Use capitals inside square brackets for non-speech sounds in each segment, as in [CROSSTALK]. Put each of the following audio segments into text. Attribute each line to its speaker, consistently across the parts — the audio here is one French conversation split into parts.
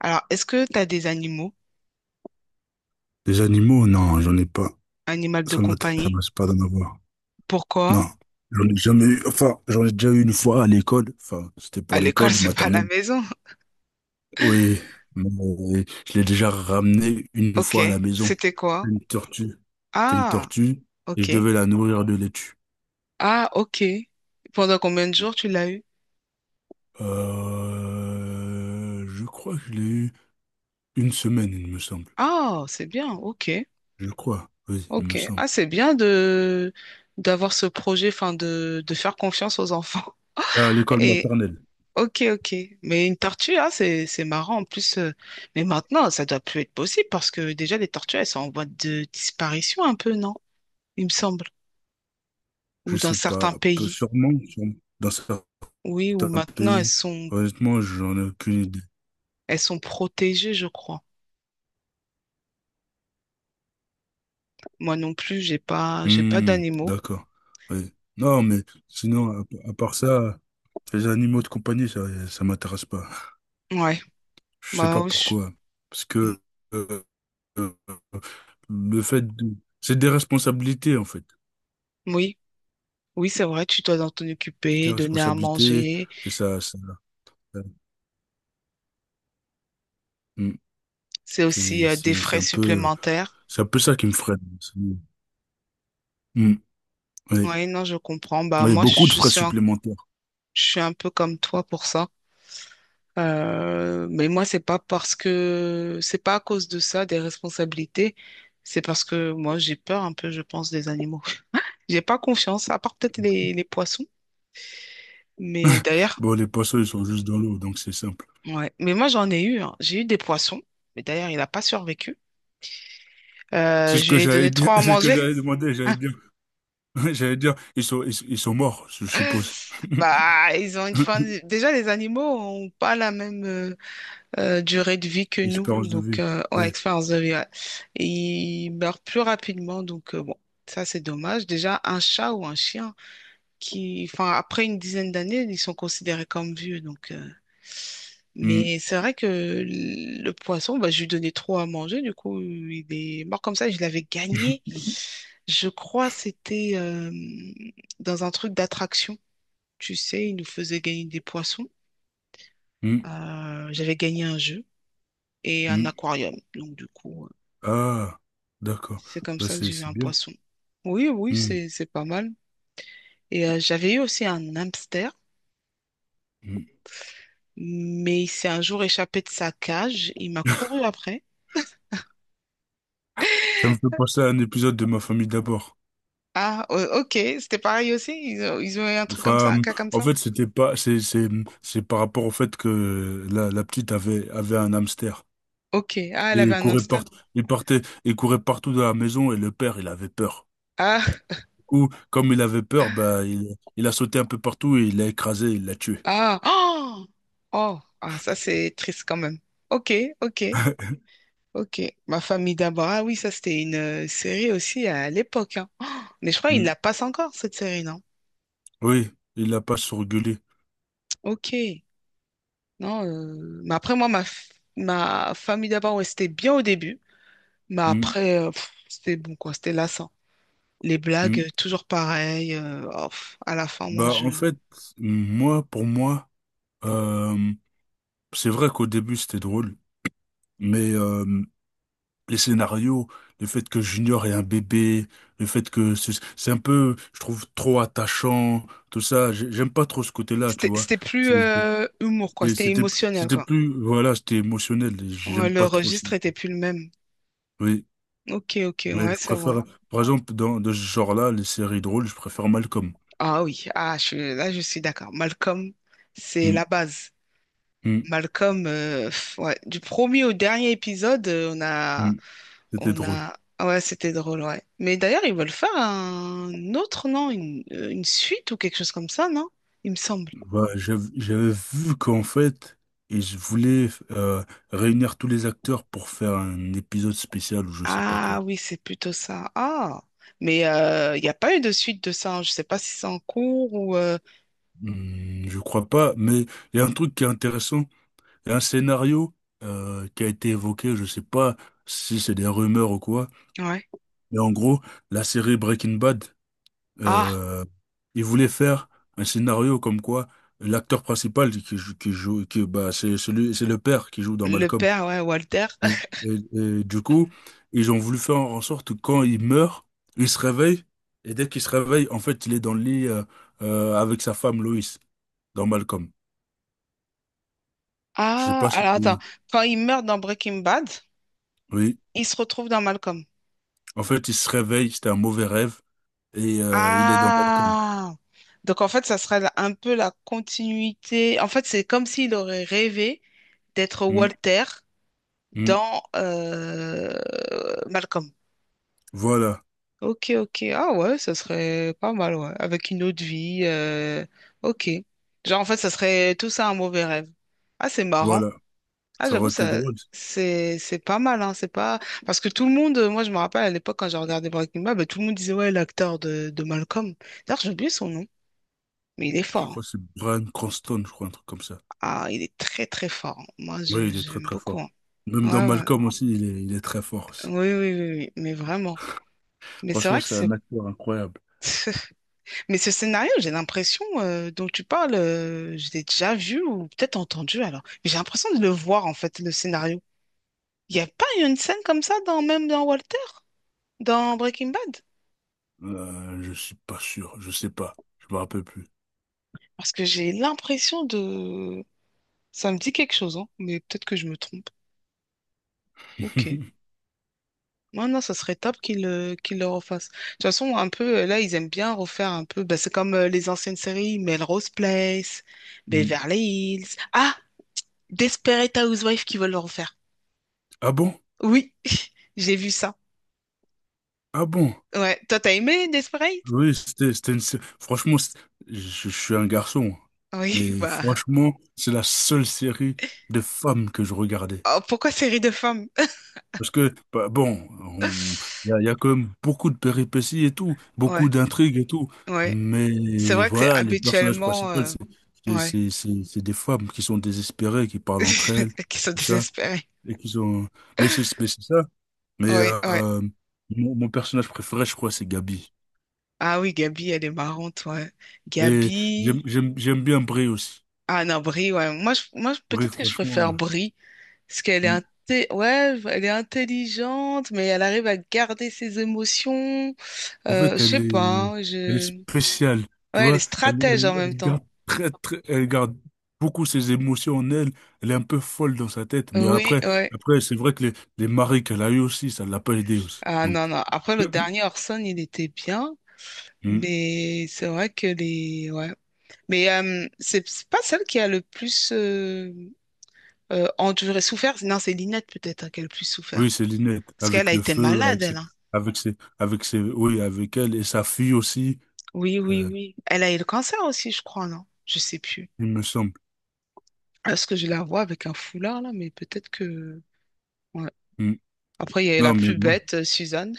Speaker 1: Alors, est-ce que tu as des animaux,
Speaker 2: Des animaux, non, j'en ai pas.
Speaker 1: animal de
Speaker 2: Sur ma
Speaker 1: compagnie?
Speaker 2: table, c'est pas d'en avoir.
Speaker 1: Pourquoi?
Speaker 2: Non, j'en ai jamais eu. Enfin, j'en ai déjà eu une fois à l'école. Enfin, c'était
Speaker 1: À
Speaker 2: pour
Speaker 1: l'école, [LAUGHS]
Speaker 2: l'école
Speaker 1: c'est pas à la
Speaker 2: maternelle.
Speaker 1: maison.
Speaker 2: Oui, mais je l'ai déjà ramené une
Speaker 1: Ok,
Speaker 2: fois à la maison.
Speaker 1: c'était quoi?
Speaker 2: Une tortue. C'était une
Speaker 1: Ah,
Speaker 2: tortue et je
Speaker 1: ok.
Speaker 2: devais la nourrir de laitue.
Speaker 1: Ah, ok. Pendant combien de jours tu l'as eu?
Speaker 2: Je crois que je l'ai eu une semaine, il me semble.
Speaker 1: Ah, c'est bien, ok,
Speaker 2: Je crois, oui, il me
Speaker 1: ok.
Speaker 2: semble.
Speaker 1: Ah, c'est bien de d'avoir ce projet, enfin de faire confiance aux enfants.
Speaker 2: À
Speaker 1: [LAUGHS]
Speaker 2: l'école
Speaker 1: Et
Speaker 2: maternelle.
Speaker 1: ok, ok. Mais une tortue, ah, c'est marrant. En plus, mais maintenant, ça doit plus être possible parce que déjà les tortues, elles sont en voie de disparition un peu, non? Il me semble.
Speaker 2: Je
Speaker 1: Ou dans
Speaker 2: sais
Speaker 1: certains
Speaker 2: pas, peu
Speaker 1: pays,
Speaker 2: sûrement, sûrement. Dans ça.
Speaker 1: oui, où
Speaker 2: Un
Speaker 1: maintenant elles
Speaker 2: pays,
Speaker 1: sont,
Speaker 2: honnêtement, j'en ai aucune idée.
Speaker 1: elles sont protégées, je crois. Moi non plus, j'ai pas
Speaker 2: Hmm,
Speaker 1: d'animaux.
Speaker 2: d'accord. Oui. Non, mais sinon, à part ça, les animaux de compagnie, ça m'intéresse pas.
Speaker 1: Ouais,
Speaker 2: Je sais
Speaker 1: bah
Speaker 2: pas
Speaker 1: oui,
Speaker 2: pourquoi. Parce que euh, euh, euh, le fait de... C'est des responsabilités, en fait.
Speaker 1: oui, oui, c'est vrai, tu dois t'en
Speaker 2: C'est des
Speaker 1: occuper, donner à
Speaker 2: responsabilités,
Speaker 1: manger.
Speaker 2: et ça. Hmm.
Speaker 1: C'est aussi des
Speaker 2: C'est
Speaker 1: frais
Speaker 2: un peu,
Speaker 1: supplémentaires.
Speaker 2: c'est un peu ça qui me freine. C'est... Hmm. Oui.
Speaker 1: Oui, non, je comprends. Bah,
Speaker 2: Oui,
Speaker 1: moi,
Speaker 2: beaucoup de frais supplémentaires.
Speaker 1: je suis un peu comme toi pour ça. Mais moi, c'est pas à cause de ça, des responsabilités. C'est parce que moi, j'ai peur un peu, je pense, des animaux. J'ai pas confiance, à part peut-être les poissons. Mais d'ailleurs,
Speaker 2: Bon, les poissons, ils sont juste dans l'eau, donc c'est ça.
Speaker 1: ouais. Mais moi, j'en ai eu, hein. J'ai eu des poissons. Mais d'ailleurs, il n'a pas survécu.
Speaker 2: C'est ce
Speaker 1: Je
Speaker 2: que
Speaker 1: lui ai
Speaker 2: j'allais
Speaker 1: donné
Speaker 2: dire,
Speaker 1: trois
Speaker 2: [LAUGHS]
Speaker 1: à
Speaker 2: c'est ce que
Speaker 1: manger.
Speaker 2: j'allais demander, j'allais
Speaker 1: [LAUGHS]
Speaker 2: dire, [LAUGHS] j'allais dire, ils sont morts, je suppose.
Speaker 1: Bah,
Speaker 2: [LAUGHS]
Speaker 1: ils ont une fin. Déjà, les animaux ont pas la même durée de vie que nous.
Speaker 2: Espérance de
Speaker 1: Donc,
Speaker 2: vie,
Speaker 1: ouais,
Speaker 2: ouais.
Speaker 1: expérience de vie, ouais. Ils meurent plus rapidement. Donc, bon, ça, c'est dommage. Déjà, un chat ou un chien qui, enfin, après une dizaine d'années, ils sont considérés comme vieux. Donc,
Speaker 2: Hmm.
Speaker 1: mais c'est vrai que le poisson, bah, je lui donnais trop à manger, du coup, il est mort comme ça. Je l'avais gagné. Je crois c'était dans un truc d'attraction. Tu sais, il nous faisait gagner des poissons.
Speaker 2: Hmm,
Speaker 1: J'avais gagné un jeu et un
Speaker 2: hmm. [LAUGHS]
Speaker 1: aquarium. Donc, du coup,
Speaker 2: Ah, d'accord.
Speaker 1: c'est comme
Speaker 2: Bah,
Speaker 1: ça que
Speaker 2: c'est
Speaker 1: j'ai eu
Speaker 2: c'est
Speaker 1: un
Speaker 2: bien.
Speaker 1: poisson. Oui, oui,
Speaker 2: Hmm,
Speaker 1: c'est pas mal. Et j'avais eu aussi un hamster,
Speaker 2: hmm.
Speaker 1: mais il s'est un jour échappé de sa cage. Il m'a couru après.
Speaker 2: Ça me fait penser à un épisode de Ma famille d'abord.
Speaker 1: Ah, ok, c'était pareil aussi. Ils ont eu un truc comme ça, un
Speaker 2: Enfin,
Speaker 1: cas comme
Speaker 2: en
Speaker 1: ça.
Speaker 2: fait, c'était pas, c'est par rapport au fait que la petite avait un hamster.
Speaker 1: Ok, ah, elle
Speaker 2: Et
Speaker 1: avait un hamster.
Speaker 2: il partait, il courait partout dans la maison et le père, il avait peur.
Speaker 1: Ah,
Speaker 2: Coup, comme il avait peur, bah, il a sauté un peu partout et il l'a écrasé, il l'a tué.
Speaker 1: ah, oh, oh, ah, ça c'est triste quand même. Ok, ok, ok. Ma famille d'abord. Ah oui, ça c'était une série aussi à l'époque, hein. Oh, mais je crois qu'ils
Speaker 2: Mm.
Speaker 1: la passent encore cette série, non?
Speaker 2: Oui, il l'a pas surgulé.
Speaker 1: Ok, non. Mais après moi, ma famille d'abord, ouais, c'était bien au début, mais
Speaker 2: Mm.
Speaker 1: après, c'était bon quoi, c'était lassant. Les blagues,
Speaker 2: Mm.
Speaker 1: toujours pareilles. Oh, à la fin, moi
Speaker 2: Bah, en
Speaker 1: je...
Speaker 2: fait, moi, pour moi, euh, c'est vrai qu'au début, c'était drôle, mais les scénarios, le fait que Junior est un bébé, le fait que c'est un peu, je trouve, trop attachant, tout ça, j'aime pas trop ce côté-là, tu
Speaker 1: C'était
Speaker 2: vois.
Speaker 1: c'était plus
Speaker 2: C'est- c'est-
Speaker 1: humour, quoi. C'était
Speaker 2: C'était
Speaker 1: émotionnel, quoi.
Speaker 2: plus, voilà, c'était émotionnel, et j'aime
Speaker 1: Ouais, le
Speaker 2: pas trop ça.
Speaker 1: registre était plus le même.
Speaker 2: Oui.
Speaker 1: Ok, ok,
Speaker 2: Mais
Speaker 1: ouais,
Speaker 2: je
Speaker 1: c'est vrai.
Speaker 2: préfère, par exemple, dans de ce genre-là, les séries drôles, je préfère Malcolm.
Speaker 1: Ah oui, ah, là, je suis d'accord. Malcolm, c'est
Speaker 2: Hmm,
Speaker 1: la base.
Speaker 2: hmm,
Speaker 1: Malcolm, ouais, du premier au dernier épisode, on a,
Speaker 2: hmm. C'était
Speaker 1: on
Speaker 2: drôle.
Speaker 1: a, ah ouais, c'était drôle, ouais. Mais d'ailleurs, ils veulent faire un autre, non? Une suite ou quelque chose comme ça, non? Il me semble.
Speaker 2: Bah, j'avais vu qu'en fait, ils voulaient réunir tous les acteurs pour faire un épisode spécial ou je sais pas
Speaker 1: Ah
Speaker 2: quoi.
Speaker 1: oui, c'est plutôt ça. Ah, mais il n'y a pas eu de suite de ça, hein. Je ne sais pas si c'est en cours ou.
Speaker 2: Hmm, je crois pas, mais il y a un truc qui est intéressant. Il y a un scénario qui a été évoqué, je sais pas si c'est des rumeurs ou quoi.
Speaker 1: Ouais.
Speaker 2: Mais en gros, la série Breaking Bad.
Speaker 1: Ah,
Speaker 2: Euh, il voulait faire un scénario comme quoi l'acteur principal qui joue, bah, c'est celui, c'est le père qui joue dans
Speaker 1: le
Speaker 2: Malcolm.
Speaker 1: père, ouais, Walter.
Speaker 2: Et,
Speaker 1: [LAUGHS]
Speaker 2: et- et du coup, ils ont voulu faire en sorte que quand il meurt, il se réveille, et dès qu'il se réveille, en fait, il est dans le lit avec sa femme Loïs, dans Malcolm. Je sais
Speaker 1: Ah,
Speaker 2: pas si
Speaker 1: alors attends.
Speaker 2: tu...
Speaker 1: Quand il meurt dans Breaking Bad,
Speaker 2: Oui,
Speaker 1: il se retrouve dans Malcolm.
Speaker 2: en fait, il se réveille, c'était un mauvais rêve, et il est dans Malcolm.
Speaker 1: Ah! Donc en fait, ça serait un peu la continuité. En fait, c'est comme s'il aurait rêvé d'être
Speaker 2: Mm,
Speaker 1: Walter
Speaker 2: mm.
Speaker 1: dans Malcolm.
Speaker 2: Voilà,
Speaker 1: Ok, ok. Ah ouais, ça serait pas mal, ouais. Avec une autre vie. Ok. Genre, en fait, ça serait tout ça un mauvais rêve. Ah, c'est marrant.
Speaker 2: voilà.
Speaker 1: Ah,
Speaker 2: Ça
Speaker 1: j'avoue,
Speaker 2: aurait été
Speaker 1: ça,
Speaker 2: drôle.
Speaker 1: c'est pas mal, hein, c'est pas, parce que tout le monde, moi, je me rappelle à l'époque quand j'ai regardé Breaking Bad, bah, tout le monde disait, ouais, l'acteur de Malcolm. D'ailleurs, j'ai oublié son nom, mais il est
Speaker 2: Je
Speaker 1: fort, hein.
Speaker 2: crois que c'est Brian Cranston, je crois, un truc comme ça.
Speaker 1: Ah, il est très, très fort, hein. Moi,
Speaker 2: Oui, il est très
Speaker 1: j'aime
Speaker 2: très
Speaker 1: beaucoup,
Speaker 2: fort.
Speaker 1: hein.
Speaker 2: Même dans
Speaker 1: Ouais, ouais.
Speaker 2: Malcolm aussi, il est très fort aussi.
Speaker 1: Oui, oui, oui, oui, mais vraiment. Mais c'est
Speaker 2: Franchement,
Speaker 1: vrai que
Speaker 2: c'est un
Speaker 1: c'est,
Speaker 2: acteur incroyable.
Speaker 1: [LAUGHS] mais ce scénario, j'ai l'impression, dont tu parles, je l'ai déjà vu ou peut-être entendu, alors. Mais j'ai l'impression de le voir, en fait, le scénario. Il n'y a pas une scène comme ça dans, même dans Walter, dans Breaking Bad?
Speaker 2: Je suis pas sûr, je sais pas, je me rappelle plus.
Speaker 1: Parce que j'ai l'impression de... Ça me dit quelque chose, hein, mais peut-être que je me trompe. Ok.
Speaker 2: [LAUGHS]
Speaker 1: Non, non, ça serait top qu'ils le refassent. De toute façon, un peu, là, ils aiment bien refaire un peu. Bah, c'est comme les anciennes séries, Melrose Place,
Speaker 2: Hmm.
Speaker 1: Beverly Hills. Ah, Desperate Housewives qui veulent le refaire.
Speaker 2: Ah bon?
Speaker 1: Oui, [LAUGHS] j'ai vu ça.
Speaker 2: Ah bon?
Speaker 1: Ouais. Toi, t'as aimé Desperate?
Speaker 2: Oui, c'était une... Sé- Franchement, je, je suis un garçon,
Speaker 1: Oui, [LAUGHS]
Speaker 2: mais
Speaker 1: bah.
Speaker 2: franchement, c'est la seule série de femmes que je regardais.
Speaker 1: Oh, pourquoi série de femmes?
Speaker 2: Parce que, bah, bon, on-
Speaker 1: [LAUGHS]
Speaker 2: il y a quand même beaucoup de péripéties et tout, beaucoup
Speaker 1: Ouais,
Speaker 2: d'intrigues et tout.
Speaker 1: ouais. C'est
Speaker 2: Mais
Speaker 1: vrai que c'est
Speaker 2: voilà, les personnages
Speaker 1: habituellement.
Speaker 2: principaux,
Speaker 1: Ouais.
Speaker 2: c'est des femmes qui sont désespérées, qui parlent entre elles,
Speaker 1: [LAUGHS] Qui sont
Speaker 2: tout ça.
Speaker 1: désespérés.
Speaker 2: Et qui sont... Mais c'est ça. Mais
Speaker 1: Ouais, ouais.
Speaker 2: mon personnage préféré, je crois, c'est Gabi.
Speaker 1: Ah oui, Gabi, elle est marrante, ouais.
Speaker 2: Et
Speaker 1: Gabi.
Speaker 2: j'aime bien Brie aussi.
Speaker 1: Ah non, Brie, ouais.
Speaker 2: Brie,
Speaker 1: Peut-être que je
Speaker 2: franchement.
Speaker 1: préfère
Speaker 2: Ouais.
Speaker 1: Brie, parce qu'
Speaker 2: Mm.
Speaker 1: ouais, elle est intelligente, mais elle arrive à garder ses émotions.
Speaker 2: En
Speaker 1: Je
Speaker 2: fait,
Speaker 1: sais pas, hein,
Speaker 2: elle est
Speaker 1: je...
Speaker 2: spéciale, tu
Speaker 1: Ouais, elle est
Speaker 2: vois.
Speaker 1: stratège en même
Speaker 2: Elle
Speaker 1: temps.
Speaker 2: garde elle garde beaucoup ses émotions en elle. Elle est un peu folle dans sa tête. Mais
Speaker 1: Oui,
Speaker 2: après,
Speaker 1: ouais.
Speaker 2: après, c'est vrai que les maris qu'elle a eu aussi, ça l'a pas aidé aussi.
Speaker 1: Ah
Speaker 2: Donc,
Speaker 1: non, non. Après,
Speaker 2: [CLEARS THROAT]
Speaker 1: le dernier Orson, il était bien,
Speaker 2: Mm.
Speaker 1: mais c'est vrai que les... Ouais. Mais c'est pas celle qui a le plus... enduré, souffert. Non, c'est Lynette peut-être hein, qui a le plus souffert.
Speaker 2: Oui, c'est Linette,
Speaker 1: Parce qu'elle a
Speaker 2: avec le
Speaker 1: été
Speaker 2: feu,
Speaker 1: malade, elle, hein.
Speaker 2: avec ses, oui, avec elle et sa fille aussi,
Speaker 1: Oui, oui,
Speaker 2: euh,
Speaker 1: oui. Elle a eu le cancer aussi, je crois, non? Je sais plus.
Speaker 2: il me semble.
Speaker 1: Est-ce que je la vois avec un foulard là? Mais peut-être que. Ouais.
Speaker 2: Mm.
Speaker 1: Après, il y a eu la
Speaker 2: Non, mais
Speaker 1: plus
Speaker 2: moi,
Speaker 1: bête, Suzanne.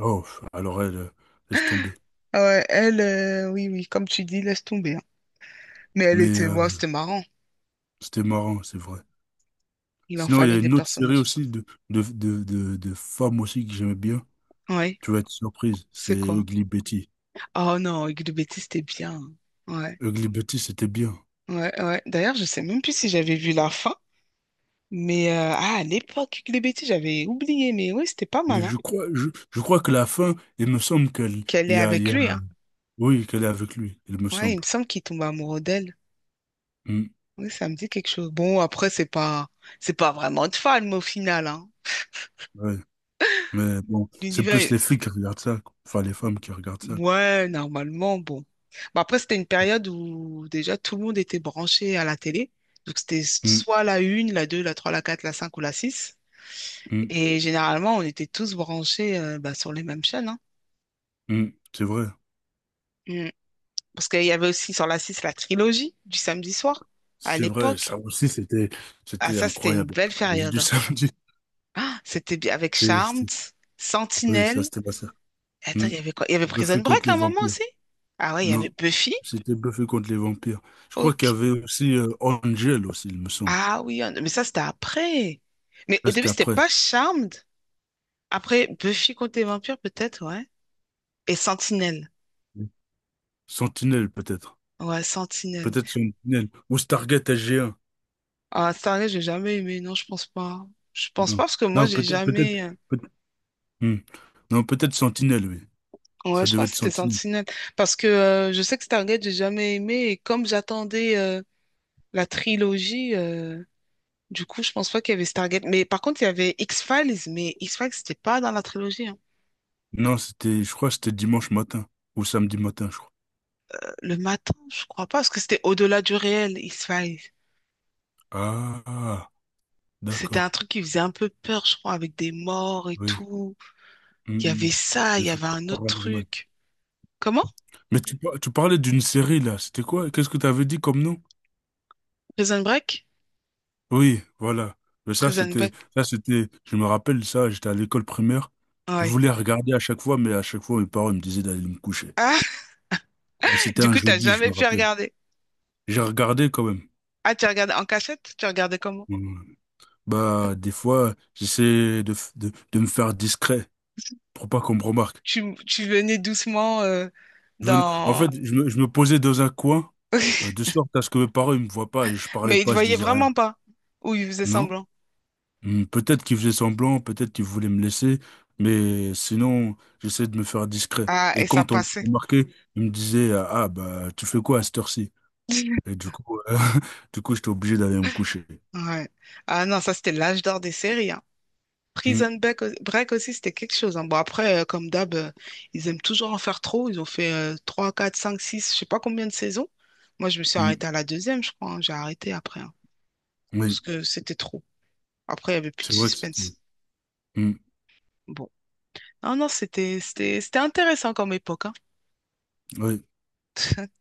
Speaker 2: oh, alors elle, laisse tomber.
Speaker 1: Ah ouais, oui, oui, comme tu dis, laisse tomber, hein. Mais elle
Speaker 2: Mais
Speaker 1: était, ouais, c'était marrant.
Speaker 2: c'était marrant, c'est vrai.
Speaker 1: Il en
Speaker 2: Sinon, il y
Speaker 1: fallait
Speaker 2: a
Speaker 1: des
Speaker 2: une autre série
Speaker 1: personnages.
Speaker 2: aussi de femmes aussi que j'aimais bien.
Speaker 1: Oui,
Speaker 2: Tu vas être surprise, c'est
Speaker 1: c'est quoi?
Speaker 2: Ugly Betty.
Speaker 1: Oh non, Hugues de Bétis, c'était bien, hein. Ouais,
Speaker 2: Ugly Betty, c'était bien.
Speaker 1: ouais, ouais. D'ailleurs, je sais même plus si j'avais vu la fin. Mais ah, à l'époque, Hugues de Bétis, j'avais oublié. Mais oui, c'était pas
Speaker 2: Mais
Speaker 1: mal, hein.
Speaker 2: je crois, je crois que la fin, il me semble qu'elle,
Speaker 1: Qu'elle est avec lui, hein?
Speaker 2: oui, qu'elle est avec lui, il me
Speaker 1: Ouais, il me
Speaker 2: semble.
Speaker 1: semble qu'il tombe amoureux d'elle.
Speaker 2: Hmm,
Speaker 1: Oui, ça me dit quelque chose. Bon, après, c'est pas vraiment de fan, mais au final, hein.
Speaker 2: ouais. Mais bon, c'est
Speaker 1: L'univers,
Speaker 2: plus
Speaker 1: est-
Speaker 2: les filles qui regardent ça, quoi. Enfin, les femmes qui regardent ça, quoi.
Speaker 1: ouais, normalement, bon. Bah, après, c'était une période où déjà tout le monde était branché à la télé. Donc, c'était
Speaker 2: Hmm,
Speaker 1: soit la une, la 2, la 3, la 4, la 5 ou la 6,
Speaker 2: hmm,
Speaker 1: et généralement, on était tous branchés bah, sur les mêmes chaînes, hein.
Speaker 2: hmm. C'est vrai.
Speaker 1: Mm. Parce qu'il y avait aussi sur la 6 la trilogie du samedi soir à
Speaker 2: C'est vrai.
Speaker 1: l'époque.
Speaker 2: Ça aussi, c'était,
Speaker 1: Ah,
Speaker 2: c'était
Speaker 1: ça, c'était une
Speaker 2: incroyable.
Speaker 1: belle
Speaker 2: La trilogie
Speaker 1: période,
Speaker 2: du
Speaker 1: hein.
Speaker 2: samedi.
Speaker 1: Ah, c'était bien avec
Speaker 2: C'était,
Speaker 1: Charmed,
Speaker 2: c'était- [LAUGHS] oui, ça,
Speaker 1: Sentinelle...
Speaker 2: c'était pas ça.
Speaker 1: Attends,
Speaker 2: Hmm.
Speaker 1: il y avait quoi? Il y avait Prison
Speaker 2: Buffy
Speaker 1: Break
Speaker 2: contre
Speaker 1: à
Speaker 2: les
Speaker 1: un moment
Speaker 2: vampires.
Speaker 1: aussi? Ah ouais, il y avait
Speaker 2: Non,
Speaker 1: Buffy.
Speaker 2: c'était Buffy contre les vampires. Je crois qu'il
Speaker 1: Ok.
Speaker 2: y avait aussi Angel aussi, il me semble.
Speaker 1: Ah oui, mais ça, c'était après. Mais au
Speaker 2: Ça,
Speaker 1: début,
Speaker 2: c'était
Speaker 1: c'était
Speaker 2: après.
Speaker 1: pas Charmed. Après, Buffy contre les vampires, peut-être, ouais. Et Sentinelle.
Speaker 2: Oui. Sentinelle, peut-être.
Speaker 1: Ouais, Sentinelle.
Speaker 2: Peut-être Sentinelle. Ou Stargate SG-1.
Speaker 1: Ah, Stargate, j'ai jamais aimé. Non, je pense pas. Je pense
Speaker 2: Non,
Speaker 1: pas parce que moi,
Speaker 2: non
Speaker 1: j'ai
Speaker 2: peut-être. peut-être,
Speaker 1: jamais.
Speaker 2: peut- hmm. Non, peut-être Sentinelle, oui.
Speaker 1: Ouais,
Speaker 2: Ça
Speaker 1: je crois
Speaker 2: devait
Speaker 1: que
Speaker 2: être
Speaker 1: c'était
Speaker 2: Sentinelle.
Speaker 1: Sentinelle. Parce que je sais que Stargate, j'ai jamais aimé. Et comme j'attendais la trilogie, du coup, je pense pas qu'il y avait Stargate. Mais par contre, il y avait X-Files. Mais X-Files, c'était pas dans la trilogie, hein.
Speaker 2: Non, c'était, je crois que c'était dimanche matin. Ou samedi matin, je crois.
Speaker 1: Le matin, je crois pas, parce que c'était au-delà du réel.
Speaker 2: Ah,
Speaker 1: C'était
Speaker 2: d'accord.
Speaker 1: un truc qui faisait un peu peur, je crois, avec des morts et
Speaker 2: Oui.
Speaker 1: tout.
Speaker 2: Hmm,
Speaker 1: Il y
Speaker 2: hmm.
Speaker 1: avait ça, il
Speaker 2: Des
Speaker 1: y
Speaker 2: trucs
Speaker 1: avait un autre
Speaker 2: paranormaux.
Speaker 1: truc. Comment?
Speaker 2: Mais tu parlais d'une série, là. C'était quoi? Qu'est-ce que tu avais dit comme nom?
Speaker 1: Prison Break?
Speaker 2: Oui, voilà. Mais
Speaker 1: Prison Break.
Speaker 2: c'était, je me rappelle ça, j'étais à l'école primaire. Je
Speaker 1: Ouais.
Speaker 2: voulais regarder à chaque fois, mais à chaque fois, mes parents me disaient d'aller me coucher.
Speaker 1: Ah, [LAUGHS]
Speaker 2: C'était
Speaker 1: du
Speaker 2: un
Speaker 1: coup, t'as
Speaker 2: jeudi, je
Speaker 1: jamais
Speaker 2: me
Speaker 1: pu
Speaker 2: rappelle.
Speaker 1: regarder.
Speaker 2: J'ai regardé quand même.
Speaker 1: Ah, tu regardais en cachette? Tu regardais comment?
Speaker 2: Mm. Bah, des fois, j'essayais de me faire discret pour pas qu'on me remarque.
Speaker 1: Tu venais doucement
Speaker 2: En
Speaker 1: dans...
Speaker 2: fait, je me posais dans un coin, de
Speaker 1: [LAUGHS]
Speaker 2: sorte à ce que mes parents ils me voient pas et je parlais
Speaker 1: Mais il te
Speaker 2: pas, je
Speaker 1: voyait
Speaker 2: disais rien.
Speaker 1: vraiment pas. Ou il faisait
Speaker 2: Non?
Speaker 1: semblant.
Speaker 2: Hmm, peut-être qu'il faisait semblant, peut-être qu'il voulait me laisser, mais sinon, j'essayais de me faire discret.
Speaker 1: Ah,
Speaker 2: Et
Speaker 1: et ça
Speaker 2: quand on me
Speaker 1: passait.
Speaker 2: remarquait, il me disait, ah, bah, tu fais quoi à cette heure-ci?
Speaker 1: [LAUGHS]
Speaker 2: Et du coup, [LAUGHS] du coup, j'étais obligé d'aller me coucher.
Speaker 1: Ouais. Ah non, ça c'était l'âge d'or des séries, hein.
Speaker 2: Hmm,
Speaker 1: Prison Break, Break aussi, c'était quelque chose, hein. Bon, après, comme d'hab, ils aiment toujours en faire trop. Ils ont fait 3, 4, 5, 6, je sais pas combien de saisons. Moi, je me suis
Speaker 2: hmm.
Speaker 1: arrêtée à la deuxième, je crois, hein. J'ai arrêté après, hein,
Speaker 2: Oui,
Speaker 1: parce que c'était trop. Après, il y avait plus de
Speaker 2: c'est vrai que
Speaker 1: suspense.
Speaker 2: c'était, hmm,
Speaker 1: Bon. Non, non, c'était intéressant comme époque, hein.
Speaker 2: oui.
Speaker 1: [LAUGHS]